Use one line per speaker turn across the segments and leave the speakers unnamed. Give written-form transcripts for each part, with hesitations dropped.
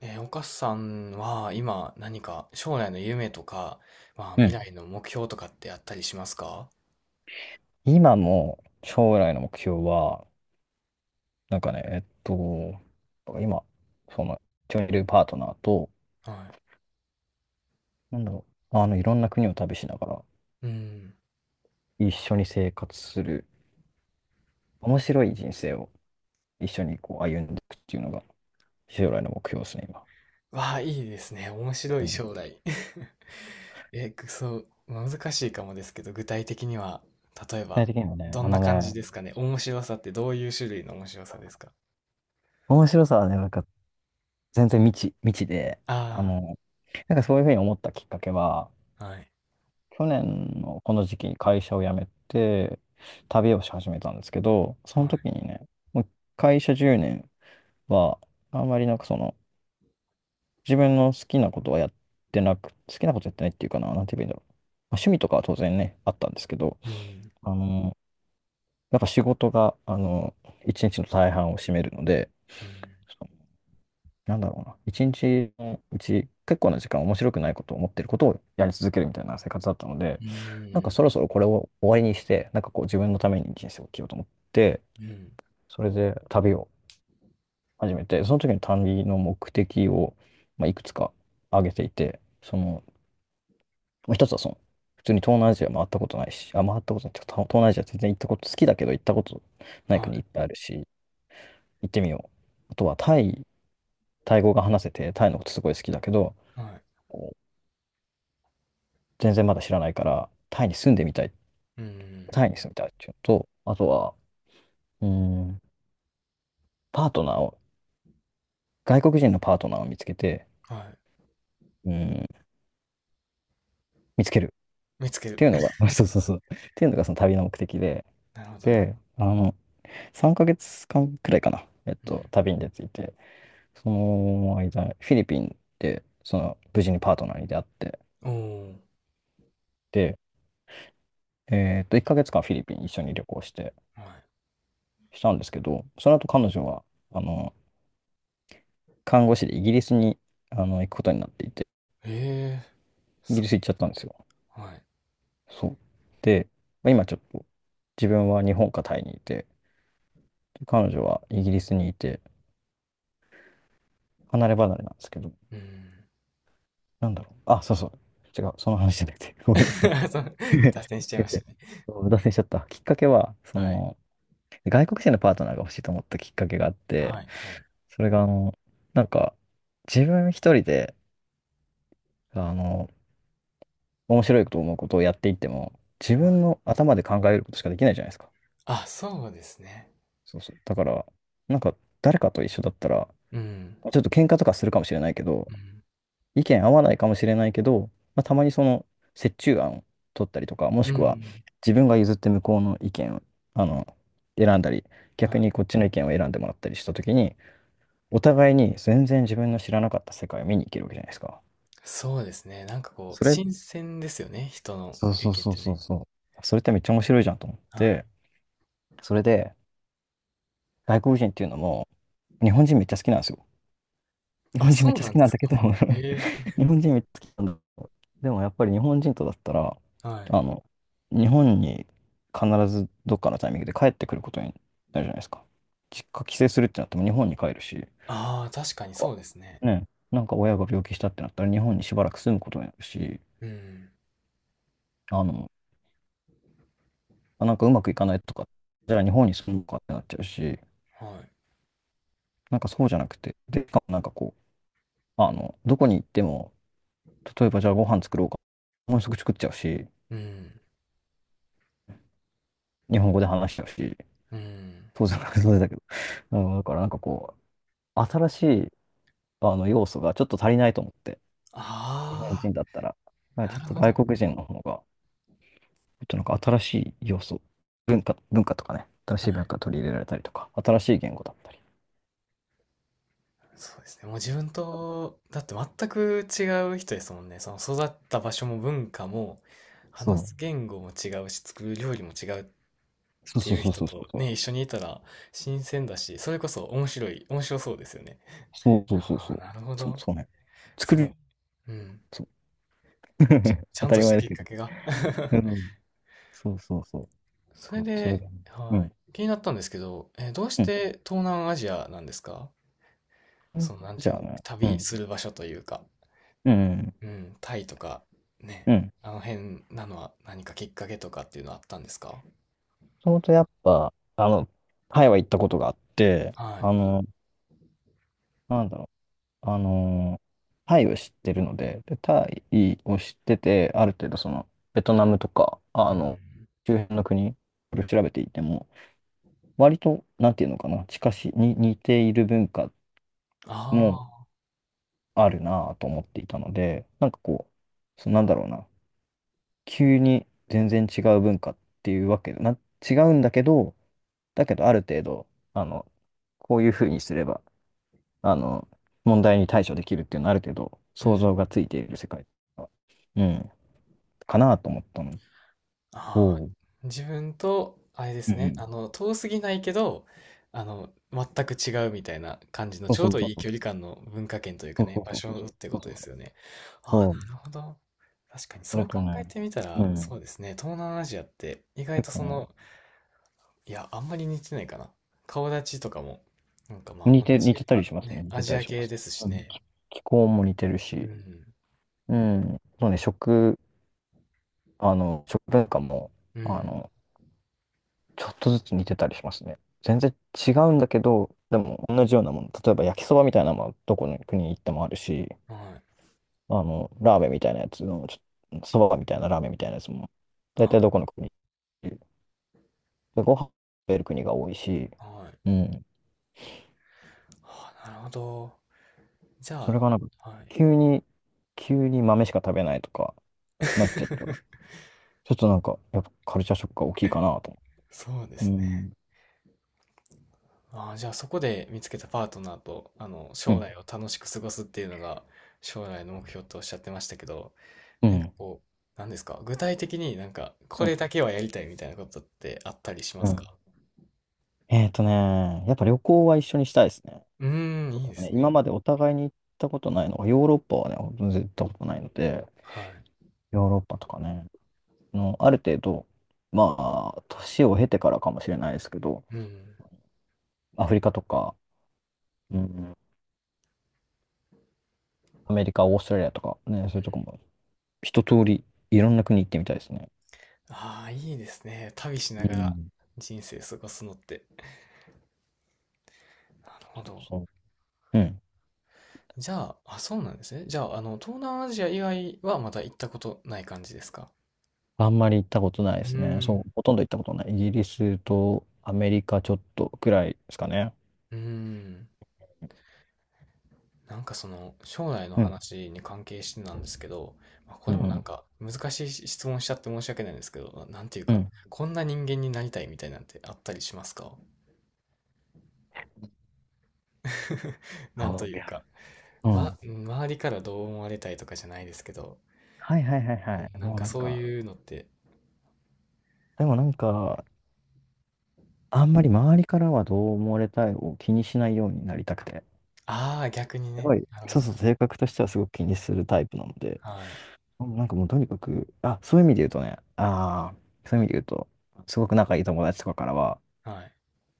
お母さんは今何か将来の夢とか、まあ
う
未
ん。
来の目標とかってあったりしますか？
今も将来の目標は、なんかね、えっと、今、その、一緒にいるパートナーと、
は
なんだろいろんな国を旅しながら、
い。うん。
一緒に生活する、面白い人生を一緒にこう歩んでいくっていうのが、将来の目標ですね、今。
わあ、いいですね。面白
う
い
ん、具
将来。え、くそう、難しいかもですけど、具体的には、例え
体
ば、
的にはね、
ど
あ
んな
の
感じ
ね、
ですかね。面白さってどういう種類の面白さですか？
面白さはね、なんか全然未知で、あ
あ
の、なんかそういうふうに思ったきっかけは、
あー、はい、
去年のこの時期に会社を辞めて旅をし始めたんですけど、そ
は
の
い。
時にね、もう会社10年はあんまりなんかその自分の好きなことはやってなく、好きなことやってないっていうかな、なんて言えばいいんだろう。まあ、趣味とかは当然ね、あったんですけど、
うん、
あの、やっぱ仕事が、一日の大半を占めるので、
うん、
なんだろうな、一日のうち結構な時間面白くないことを思ってることをやり続けるみたいな生活だったので、
う
なんか
ん、
そろそろこれを終わりにして、なんかこう自分のために人生を生きようと思って、
うん、
それで旅を始めて、その時に旅の目的を、まあ、いくつか挙げていて、その、まあ一つはその、普通に東南アジア回ったことないし、あ、回ったことないっていうか、東南アジア全然行ったこと、好きだけど行ったことない
は
国いっぱいあるし、行ってみよう。あとはタイ、タイ語が話せて、タイのことすごい好きだけど、
い、はい、
全然まだ知らないから、タイに住んでみたい、
うん、
タイに住みたいっていうのと、あとは、うーん、パートナーを、外国人のパートナーを見つけて、
はい。
うーん、見つける
見つけ
っ
る。
ていうのが、そうそうそう、っていうのがその旅の目的で、
なるほど、なるほ
で、あの、3ヶ月間くらいかな、
ど。う
旅に出ていて、その間、フィリピンで、その、無事にパートナーに出会って、
ん。おー、
で、えっと、1ヶ月間フィリピン一緒に旅行して、
はい。
したんですけど、その後彼女は、あの、看護師でイギリスに、あの、行くことになっていて、
ええ、
イ
す
ギリス行っちゃったんですよ。
ごい。はい。
そう。で、まあ今ちょっと自分は日本かタイにいて、彼女はイギリスにいて、離れ離れなんですけど、
うん。
なんだろう。あ、そうそう。違う。その話じゃなくて。ごめんなさい。
そう、脱線しちゃい
先
ました
生。
ね。
そう脱線しちゃった。きっかけは、そ
はい。
の、外国人のパートナーが欲しいと思ったきっかけがあって、
はいはい。
それが、あの、なんか、自分一人で、あの、面白いと思うことをやっていっても、自
は
分
い。
の頭で考えることしかできないじゃないですか。
あ、そうですね。
そうそう。だから、なんか、誰かと一緒だったら、
うん。
ちょっと喧嘩とかするかもしれないけど、
うん。
意見合わないかもしれないけど、まあ、たまにその折衷案を取ったりとか、も
う
しくは
ん。
自分が譲って向こうの意見をあの選んだり、逆
は
に
い。
こっちの意見を選んでもらったりしたときに、お互いに全然自分の知らなかった世界を見に行けるわけじゃないですか。
そうですね。なんかこう、
それ、
新鮮ですよね、人の
そう
意
そう
見っ
そう
て
そう
ね。
そう。それってめっちゃ面白いじゃんと思っ
はい。
て、それで外国人っていうのも日本人めっちゃ好きなんですよ。日
あ、
本人めっ
そう
ちゃ
な
好
ん
き
で
なん
す
だけ
か。
ど。
ええ、
日本人めっちゃ好きなんだけど、でもやっぱり日本人とだったら、
はい。
あの、日本に必ずどっかのタイミングで帰ってくることになるじゃないですか。実家帰省するってなっても日本に帰るし、
ああ、確か
なん
にそ
か
うですね。
ね、なんか親が病気したってなったら日本にしばらく住むことになるし、
うん。
あの、あなんかうまくいかないとか、じゃあ日本に住むかってなっちゃうし、
はい。
なんかそうじゃなくて、で、しかもなんかこう、あの、どこに行っても、例えばじゃあご飯作ろうか、もうすぐ作っちゃうし、
うん。
日本語で話してほしい。
うん。
当然、当然だけど。うん、だからなんかこう、新しいあの要素がちょっと足りないと思って、日本
あ
人だったら、まあ
あ、
ち
な
ょっ
る
と
ほ
外
ど。
国人の方が、ちょっとなんか新しい要素、文化とかね、新し
は
い文
い。
化取り入れられたりとか、新しい言語だったり。
そうですね。もう自分と、だって全く違う人ですもんね。その育った場所も文化も、
そ
話
う。
す言語も違うし、作る料理も違うっ
そう
て
そう
いう
そう
人
そう
と
そ
ね、一
う。
緒にいたら新鮮だし、それこそ面白い、面白そうですよね。
そうそうそうそ
あ
う。
あ、なるほ
そう、
ど。
そうね。作
すごい。
る。
うん。
そう。
ち
当
ゃん
た
と
り
し
前
た
だ
きっ
け
か
ど。
けが。
う ん。そうそうそう。
それ
かそれ
で、
だね。う
は
ん。
い。気になったんですけど、えーどうし
う
て東南アジアなんですか？
ん。
その、なん
じ
てい
ゃ
う
あ
の、
ね。う
旅
ん。
する場所というか。
うん。
うん、タイとかね、
うん。
あの辺なのは何かきっかけとかっていうのはあったんですか？
ともとやっぱ、あの、タイは行ったことがあって、
は
あ
い。
の、なんだろう、あの、タイを知ってるので、で、タイを知ってて、ある程度その、ベトナムとか、あ
うん。
の、周辺の国、これ調べていても、割と、なんていうのかな、近し、に似ている文化も
ああ、
あるなぁと思っていたので、なんかこう、そ、なんだろうな、急に全然違う文化っていうわけで、な、違うんだけど、だけどある程度、あの、こういうふうにすれば、あの、問題に対処できるっていうのはある程度
う
想
ん。
像がついている世界が、うん、かなと思ったの
ああ、
と、
自分と、あれで
う
す
んう
ね、
ん。
あの、遠すぎないけど、あの、全く違うみたいな感じの、
そう
ちょ
そ
う
う
ど
そう
いい
そ
距離
う。
感の文化圏というか
そう
ね、
そう
場
そうそ
所っ
う。
て
そ
こ
う
と
そう
で
そ
す
う。
よね。ああ、
そ
な
う。
るほど。確かに
そ
そ
れ
う考
と
え
ね、
てみた
う
ら、
ん。
そうですね、東南アジアって意外
結
と
構
そ
ね、
の、いや、あんまり似てないかな。顔立ちとかも、なんかま
似
あ同
て、似
じ、
てたり
あ、
しますね。
ね、
似
ア
てた
ジ
り
ア
しま
系
す。
ですし
うん。
ね。
気候も似てる
う
し、
ん。
うん。そうね、食、あの、食文化も、
う
あ
ん。
の、ちょっとずつ似てたりしますね。全然違うんだけど、でも同じようなもの。例えば焼きそばみたいなのもどこの国に行ってもあるし、
はい。
あの、ラーメンみたいなやつの、ちょっと、そばみたいなラーメンみたいなやつも、大体ど
あ、
この国でご飯食べる国が多いし、
はい。
うん。
あ、なるほど。じ
そ
ゃ
れがなんか、
あ、はい。
急に、急に豆しか食べないとか、なっちゃったら、ちょっとなんか、やっぱカルチャーショックが大きいかなと。
そうで
う
すね。
ん。
ああ、じゃあそこで見つけたパートナーと、あの、
う
将
ん。
来を楽しく過ごすっていうのが将来の目標とおっしゃってましたけど、
う
なんか
ん。
こう、なんですか具体的になんか、
う
これ
ん。
だけはやりたいみたいなことってあったりしま
う
す
ん、
か？
やっぱ旅行は一緒にしたいですね。
うーん、
そ
いいで
うね、
すね。
今までお互いに行ったことないのが、ヨーロッパはね、ほんと絶対行ったことないので、
は
ヨーロッパとかね、あの、ある程度、まあ、年を経てからかもしれないですけど、
い。うん。
アフリカとか、うん、アメリカ、オーストラリアとか、ね、そう
う
い
ん。
うとこも、一通り、いろんな国行ってみたいですね。
ああ、いいですね。旅しな
う
がら
ん。
人生過ごすのって。なるほ
そう
ど。
そう。うん。
じゃあ、あ、そうなんですね。じゃあ、あの、東南アジア以外はまだ行ったことない感じですか？
あんまり行ったことないで
うー
すね。そ
ん。
う、ほとんど行ったことない。イギリスとアメリカちょっとくらいですかね。
うーん。なんかその、将来の
うん。
話に関係してなんですけど、まあ、こ
う
れ
ん。
も
う
なん
ん。
か難しい質問しちゃって申し訳ないんですけど、ななんていう
う
か、
ん。
こんな人間になりたいみたいなんてあったりしますか？ なんと
そう
いう
やる。
か、
う
ま、
ん、
周りからどう思われたいとかじゃないですけど、
はいはいはい
う
はい。
んなん
もう
か
なん
そう
か、
いうのって
でもなんか、あんまり周りからはどう思われたいを気にしないようになりたくて。
ああ、逆に
す
ね。
ごい、
なるほ
そう
ど。
そう、性格としてはすごく気にするタイプなので、
はい。
もうとにかく、あ、そういう意味で言うとね、ああ、そういう意味で言うと、すごく仲いい友達とかからは、
はい。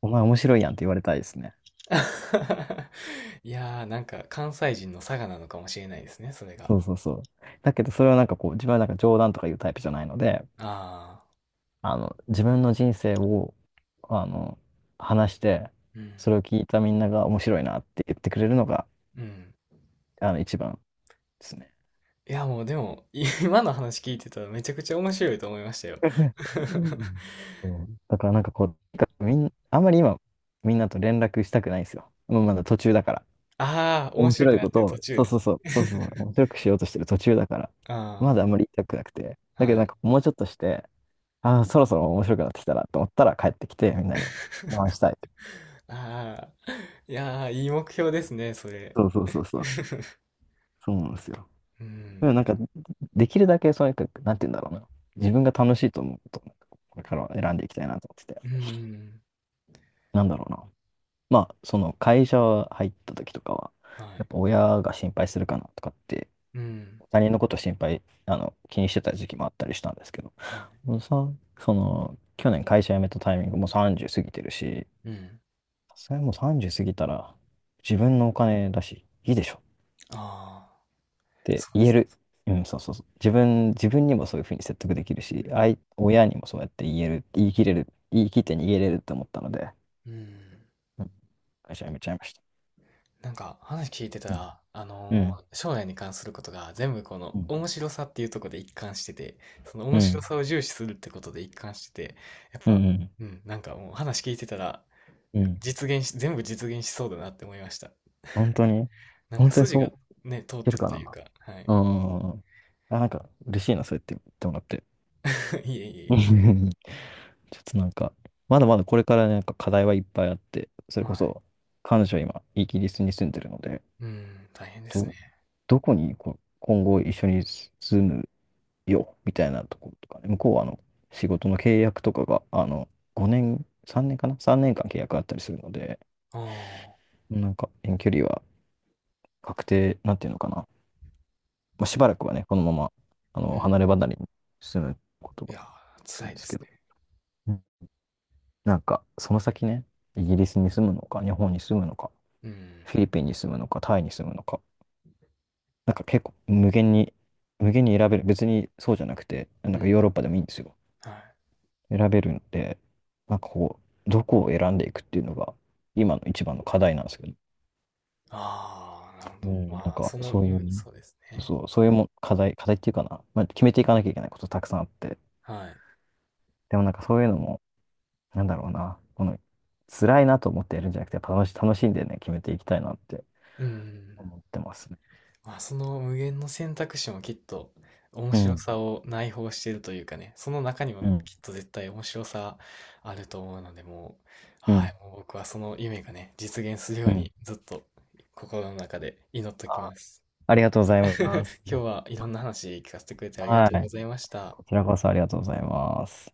お前面白いやんって言われたいですね。
いやー、なんか関西人の差がなのかもしれないですね、それが。
そうそうそう。だけど、それはなんかこう、自分はなんか冗談とか言うタイプじゃないので、
ああ、
自分の人生を、あの、話して、
うん、
それを聞いたみんなが面白いなって言ってくれるのが、
うん。
一番ですね。
いや、もうでも、今の話聞いてたらめちゃくちゃ面白いと思いましたよ。
う んそうだからなんかこう、あんまり今、みんなと連絡したくないんですよ。もうまだ途中だから。
ああ、面
面
白
白
く
い
な
こ
って
と
る
を、
途中
そう
で
そう
す
そう、
ね。
そうそうそう、面白くしようとしてる途中だから、ま
あ
だあんまり言いたくなくて。
あ、
だけど
は
なん
い。
かもうちょっとして、ああ、そろそろ面白くなってきたなと思ったら帰ってきて、みんなに話 したいって。
ああ、いやー、いい目標ですね、それ。
そうそうそうそう。そうなんですよ。
う
で
ん。
もなんか、できるだけそういうか、なんて言うんだろうな。自分が楽しいと思うことを、これからは選んでいきたいなと思ってて。
うんうんう
なんだろうな。まあ、その会社入った時とかは、
ん。は
やっ
い。
ぱ親が心配するかなとかって、
うん。
他人のこと心配、気にしてた時期もあったりしたんですけど、
は
もうさ、その、去年会社辞めたタイミングもう30過ぎてるし、
い。うん。
さすがにもう30過ぎたら、自分のお金だし、いいでしょっ
ああ、
て
そうで
言え
すね。
る。うん、そうそうそう。自分にもそういうふうに説得できる
う
し、
ん。
あい、親にもそうやって言える、言い切れる、言い切って逃げれるって思ったので、
うん。
うん会社辞めちゃいました。
なんか話聞いてた
うん。
ら、あ
う
の
ん。
ー将来に関することが全部この
うん。
面白さっていうところで一貫してて、その
う
面白
ん
さを重視するってことで一貫してて、やっ
う
ぱ、
ん
うん、なんかもう話聞いてたら、
うん。うん。
実現し、全部実現しそうだなって思いました。
本当に
なんか
本当に
筋
そう言
が
っ
ね、通っ
て
て
る
る
か
という
な。
か、はい。
うん。あ、なんか嬉しいな、そうやって言ってもらって。
いえいえ
うん
い
ちょっとなんか、まだまだこれからねなんか課題はいっぱいあって、そ
え。
れこ
はい。
そ彼女は今イギリスに住んでるので、
うん、大変ですね。
ど、どこにこ今後一緒に住むよみたいなところとかね、向こうはあの仕事の契約とかがあの5年、3年かな？ 3 年間契約あったりするので、
ああ、
なんか遠距離は確定、なんていうのかなまあ、しばらくはね、このまま、あ
う
の、離
ん。
れ離れに住むこと
い
が
やー、
多いん
辛い
で
で
すけ
すね。
ど、うんなんか、その先ね、イギリスに住むのか、日本に住むのか、
うん、
フィリピンに住むのか、タイに住むのか、なんか結構無限に、無限に選べる。別にそうじゃなくて、な
う
んか
ん、
ヨーロッパでもいいんですよ。
はい。
選べるんで、なんかこう、どこを選んでいくっていうのが、今の一番の課題なんですけど、
ああ、なるほ
う
ど。
んなん
まあ、
か、
その、
そう
う
いう
ん、
ね、
そうです
そう
ね。
そう、そういうもん課題、課題っていうかな、まあ、決めていかなきゃいけないことたくさんあって、
はい。
でもなんかそういうのも、なんだろうな、この、辛いなと思ってやるんじゃなくて、やっぱ楽し、楽しんでね、決めていきたいなって
うん。
思ってますね。
まあ、その無限の選択肢もきっと面
う
白
ん、
さを内包しているというかね、その中にも
うん、
きっと絶対面白さあると思うので、もう、
う
は
ん、
い、もう僕はその夢がね、実現するよ
う
う
ん。
にずっと心の中で祈っておき
あ、
ます。
ありがとうございます。
今日はいろんな話聞かせてくれてありが
は
とうご
い。
ざいました。
こちらこそありがとうございます。